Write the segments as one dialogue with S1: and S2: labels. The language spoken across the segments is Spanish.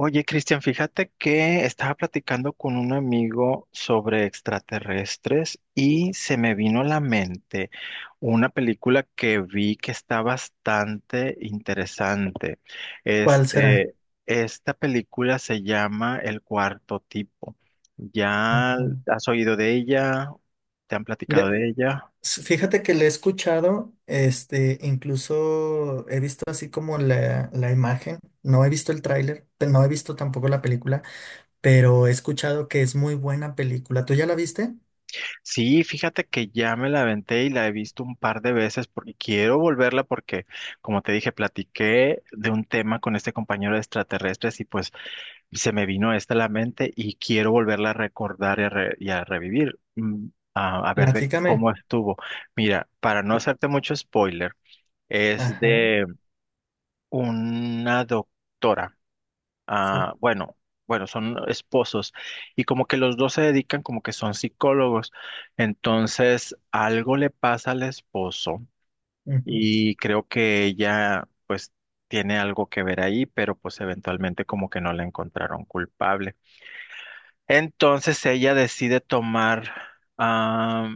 S1: Oye, Cristian, fíjate que estaba platicando con un amigo sobre extraterrestres y se me vino a la mente una película que vi que está bastante interesante.
S2: ¿Cuál será?
S1: Este, Esta película se llama El Cuarto Tipo. ¿Ya
S2: Ajá.
S1: has oído de ella? ¿Te han platicado
S2: Le-
S1: de ella?
S2: Fíjate que le he escuchado, incluso he visto así como la imagen, no he visto el tráiler, no he visto tampoco la película, pero he escuchado que es muy buena película. ¿Tú ya la viste?
S1: Sí, fíjate que ya me la aventé y la he visto un par de veces porque quiero volverla porque, como te dije, platiqué de un tema con este compañero de extraterrestres y pues se me vino esta a la mente y quiero volverla a recordar y a revivir, a ver de
S2: Platícame.
S1: cómo estuvo. Mira, para no hacerte mucho spoiler, es
S2: Ajá,
S1: de una doctora,
S2: sí.
S1: bueno, bueno, son esposos y como que los dos se dedican, como que son psicólogos. Entonces, algo le pasa al esposo
S2: Ujú.
S1: y creo que ella pues tiene algo que ver ahí, pero pues eventualmente como que no la encontraron culpable. Entonces, ella decide tomar, ah,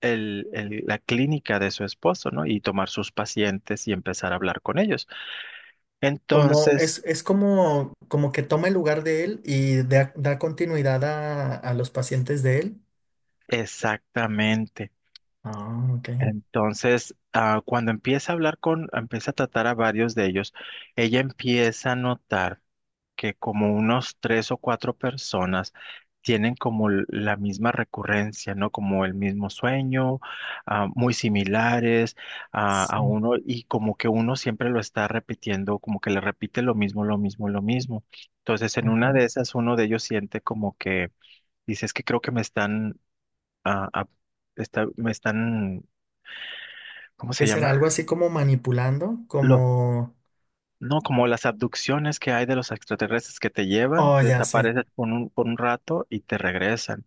S1: la clínica de su esposo, ¿no? Y tomar sus pacientes y empezar a hablar con ellos.
S2: Como
S1: Entonces,
S2: es como, como que toma el lugar de él y da continuidad a los pacientes de él.
S1: exactamente.
S2: Ah, ok.
S1: Entonces, cuando empieza a hablar con, empieza a tratar a varios de ellos, ella empieza a notar que como unos tres o cuatro personas tienen como la misma recurrencia, ¿no? Como el mismo sueño, muy similares a
S2: Sí.
S1: uno, y como que uno siempre lo está repitiendo, como que le repite lo mismo, lo mismo, lo mismo. Entonces, en
S2: Ajá.
S1: una de esas, uno de ellos siente como que, dice, es que creo que me están, ah, ah, me están, ¿cómo se
S2: ¿Qué será?
S1: llama?
S2: Algo así como manipulando,
S1: Los,
S2: como...
S1: no, como las abducciones que hay de los extraterrestres, que te llevan,
S2: Oh,
S1: te
S2: ya sé.
S1: desapareces por un rato, y te regresan.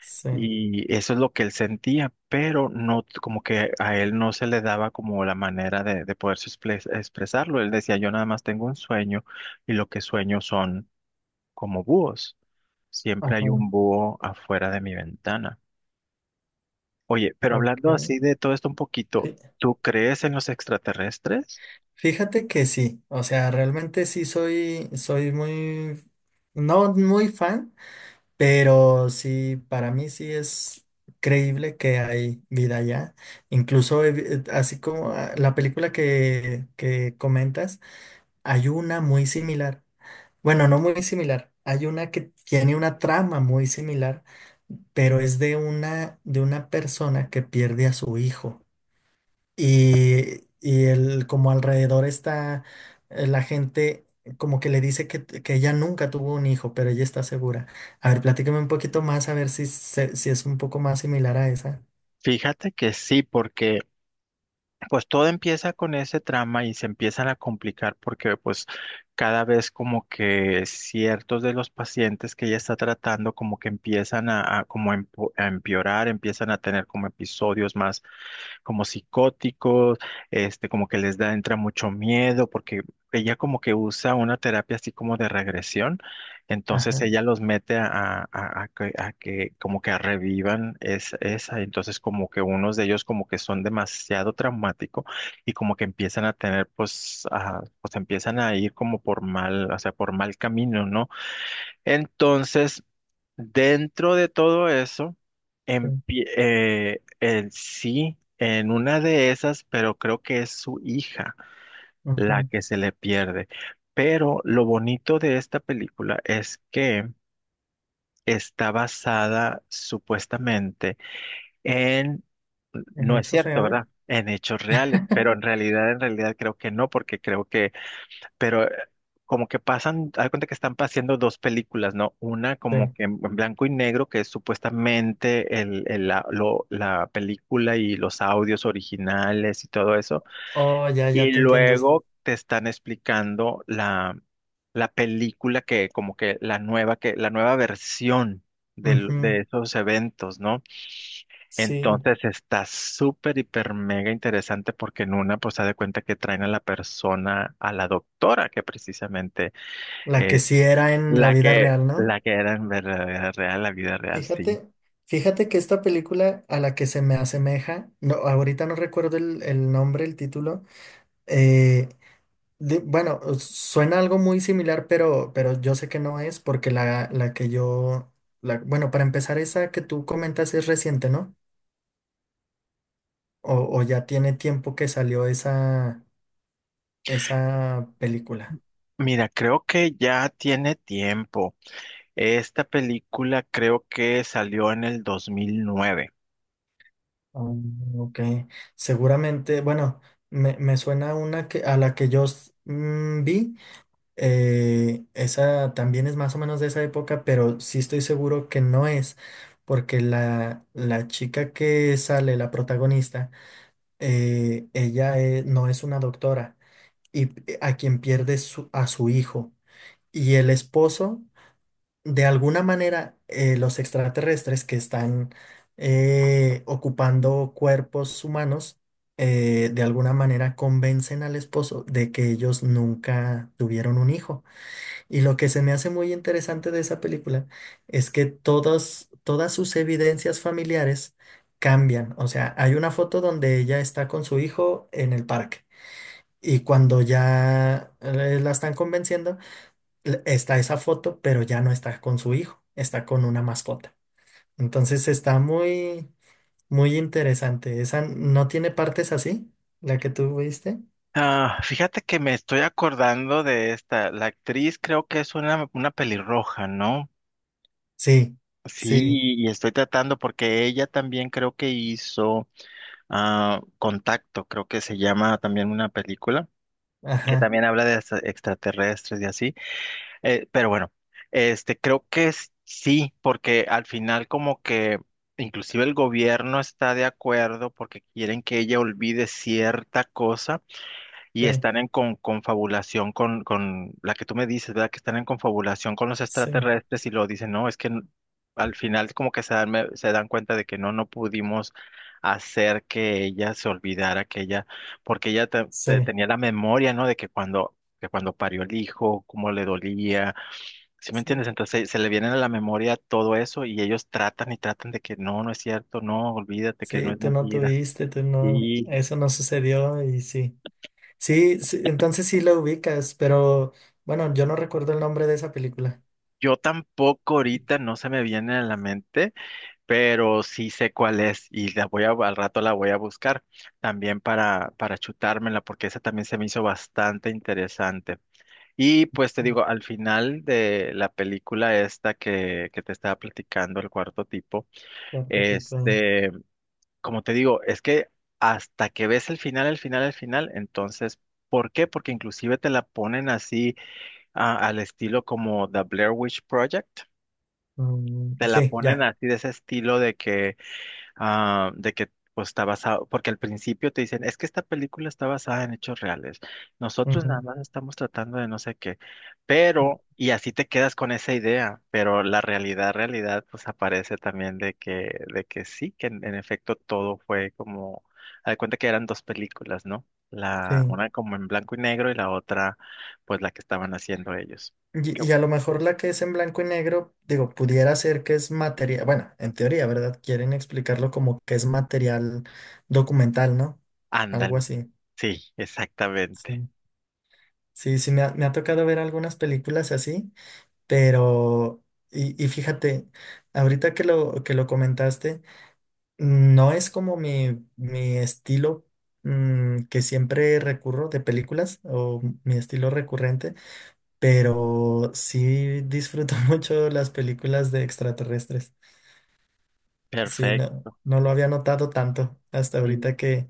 S2: Sí.
S1: Y eso es lo que él sentía, pero no, como que a él no se le daba como la manera de poder expresarlo. Él decía, yo nada más tengo un sueño, y lo que sueño son como búhos. Siempre hay
S2: Ajá.
S1: un búho afuera de mi ventana. Oye, pero
S2: Ok.
S1: hablando así de todo esto un poquito,
S2: Fí-
S1: ¿tú crees en los extraterrestres?
S2: Fíjate que sí. O sea, realmente sí soy muy... No muy fan, pero sí, para mí sí es creíble que hay vida allá. Incluso así como la película que comentas. Hay una muy similar. Bueno, no muy similar. Hay una que tiene una trama muy similar, pero es de una persona que pierde a su hijo. Y el, como alrededor está la gente, como que le dice que ella nunca tuvo un hijo, pero ella está segura. A ver, platícame un poquito más, a ver si, si es un poco más similar a esa.
S1: Fíjate que sí, porque pues todo empieza con ese trama y se empiezan a complicar porque pues cada vez como que ciertos de los pacientes que ella está tratando como que empiezan como a empeorar, empiezan a tener como episodios más como psicóticos. Como que les da, entra mucho miedo, porque ella como que usa una terapia así como de regresión. Entonces
S2: Ajá,
S1: ella los mete a que como que revivan esa. Entonces como que unos de ellos como que son demasiado traumáticos, y como que empiezan a tener, pues, a pues empiezan a ir como por mal, o sea, por mal camino, ¿no? Entonces, dentro de todo eso,
S2: sí.
S1: el sí, en una de esas, pero creo que es su hija la
S2: Ujú.
S1: que se le pierde. Pero lo bonito de esta película es que está basada, supuestamente, en,
S2: ¿En
S1: no es
S2: hechos
S1: cierto,
S2: reales?
S1: ¿verdad? En hechos reales, pero en realidad creo que no, porque creo que, pero como que pasan, haz de cuenta que están pasando dos películas, ¿no? Una
S2: Sí.
S1: como que en blanco y negro, que es supuestamente la película y los audios originales y todo eso,
S2: Oh, ya, ya
S1: y
S2: te entiendo.
S1: luego te están explicando la película, que como que, la nueva versión del- de
S2: Ujú.
S1: esos eventos, ¿no?
S2: Sí.
S1: Entonces está súper, hiper, mega interesante, porque en una, pues, se da cuenta que traen a la persona, a la doctora que precisamente,
S2: La que
S1: eh,
S2: sí era en la vida real, ¿no?
S1: la que era en verdadera real, la vida real, sí.
S2: Fíjate, fíjate que esta película a la que se me asemeja, no, ahorita no recuerdo el nombre, el título, eh, bueno, suena algo muy similar, pero yo sé que no es porque la que yo, la, bueno, para empezar, esa que tú comentas es reciente, ¿no? O ya tiene tiempo que salió esa, esa película.
S1: Mira, creo que ya tiene tiempo. Esta película creo que salió en el 2009.
S2: Ah, ok, seguramente, bueno, me suena una a la que yo vi, esa también es más o menos de esa época, pero sí estoy seguro que no es, porque la chica que sale, la protagonista, ella no es una doctora y a quien pierde a su hijo. Y el esposo de alguna manera, los extraterrestres que están ocupando cuerpos humanos, de alguna manera convencen al esposo de que ellos nunca tuvieron un hijo. Y lo que se me hace muy interesante de esa película es que todas sus evidencias familiares cambian. O sea, hay una foto donde ella está con su hijo en el parque. Y cuando ya la están convenciendo, está esa foto, pero ya no está con su hijo, está con una mascota. Entonces está muy, muy interesante. Esa no tiene partes así, la que tú viste.
S1: Ah, fíjate que me estoy acordando de esta. La actriz creo que es una pelirroja, ¿no?
S2: Sí,
S1: Sí,
S2: sí,
S1: y estoy tratando, porque ella también creo que hizo, Contacto, creo que se llama, también una película que
S2: ajá,
S1: también habla de extraterrestres y así. Pero bueno, este creo que sí, porque al final como que inclusive el gobierno está de acuerdo, porque quieren que ella olvide cierta cosa, y
S2: sí,
S1: están en confabulación con la que tú me dices, ¿verdad? Que están en confabulación con los
S2: sí,
S1: extraterrestres, y lo dicen, no, es que al final como que se dan, se dan cuenta de que no, no pudimos hacer que ella se olvidara, que ella, porque ella
S2: sí,
S1: tenía la memoria, ¿no? De que cuando parió el hijo, cómo le dolía. ¿Sí me
S2: sí,
S1: entiendes? Entonces se le viene a la memoria todo eso, y ellos tratan y tratan de que no, no es cierto, no, olvídate, que no
S2: sí,
S1: es
S2: tú no
S1: mentira.
S2: tuviste, tú no,
S1: Y
S2: eso no sucedió y sí. Sí, sí, entonces sí la ubicas, pero bueno, yo no recuerdo el nombre de esa película.
S1: yo tampoco, ahorita no se me viene a la mente, pero sí sé cuál es, y la voy a, al rato la voy a buscar también para chutármela, porque esa también se me hizo bastante interesante. Y pues te digo, al final de la película esta que te estaba platicando, el cuarto tipo,
S2: ¿Cuarto tipo?
S1: este... Como te digo, es que hasta que ves el final, el final, el final, entonces, ¿por qué? Porque inclusive te la ponen así, al estilo como The Blair Witch Project.
S2: Mm,
S1: Te la
S2: sí,
S1: ponen
S2: ya.
S1: así, de ese estilo, de que, de que pues, está basado, porque al principio te dicen, es que esta película está basada en hechos reales, nosotros nada
S2: Ujú.
S1: más estamos tratando de no sé qué, pero, y así te quedas con esa idea, pero la realidad, realidad, pues aparece también de que sí, que en efecto todo fue como, haz de cuenta que eran dos películas, ¿no?
S2: Sí.
S1: Una como en blanco y negro, y la otra, pues la que estaban haciendo ellos. Qué
S2: Y
S1: bu-
S2: a lo mejor la que es en blanco y negro, digo, pudiera ser que es material, bueno, en teoría, ¿verdad? Quieren explicarlo como que es material documental, ¿no? Algo
S1: ándale,
S2: así.
S1: sí, exactamente.
S2: Sí, sí, sí, me ha tocado ver algunas películas así, pero, y fíjate, ahorita que lo comentaste, no es como mi estilo que siempre recurro de películas o mi estilo recurrente. Pero sí disfruto mucho las películas de extraterrestres. Sí, no,
S1: Perfecto.
S2: no lo había notado tanto hasta ahorita que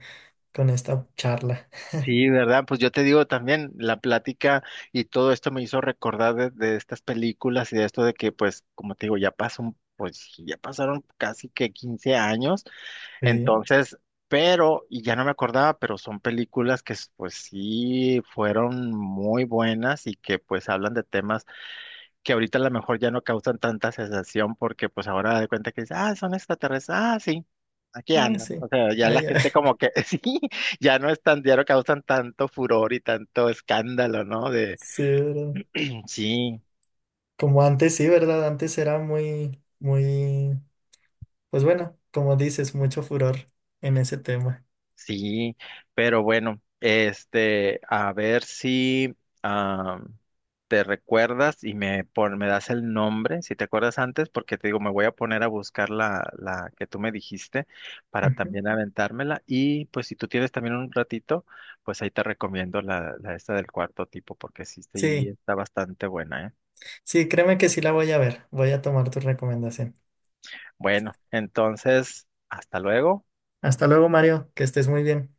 S2: con esta charla.
S1: Sí, ¿verdad? Pues yo te digo también, la plática y todo esto me hizo recordar de estas películas y de esto de que, pues, como te digo, ya pasó, pues, ya pasaron casi que 15 años,
S2: Sí,
S1: entonces, pero, y ya no me acordaba, pero son películas que, pues, sí, fueron muy buenas, y que, pues, hablan de temas que ahorita a lo mejor ya no causan tanta sensación, porque pues ahora da de cuenta que dices, ah, son extraterrestres, ah, sí, aquí
S2: ah,
S1: andan.
S2: sí,
S1: O sea, ya
S2: ah,
S1: la
S2: ya.
S1: gente como que sí, ya no es tan, ya no causan tanto furor y tanto escándalo, ¿no? De
S2: Sí, ¿verdad?
S1: sí.
S2: Como antes, sí, ¿verdad? Antes era muy, muy, pues bueno, como dices, mucho furor en ese tema.
S1: Sí, pero bueno, este, a ver si ah, te recuerdas y me, me das el nombre, si te acuerdas antes, porque te digo, me voy a poner a buscar la, la que tú me dijiste, para
S2: Ujú.
S1: también aventármela. Y pues si tú tienes también un ratito, pues ahí te recomiendo la, la esta del cuarto tipo, porque sí, sí
S2: Sí,
S1: está bastante buena, ¿eh?
S2: sí, créeme que sí la voy a ver. Voy a tomar tu recomendación.
S1: Bueno, entonces, hasta luego.
S2: Hasta luego, Mario, que estés muy bien.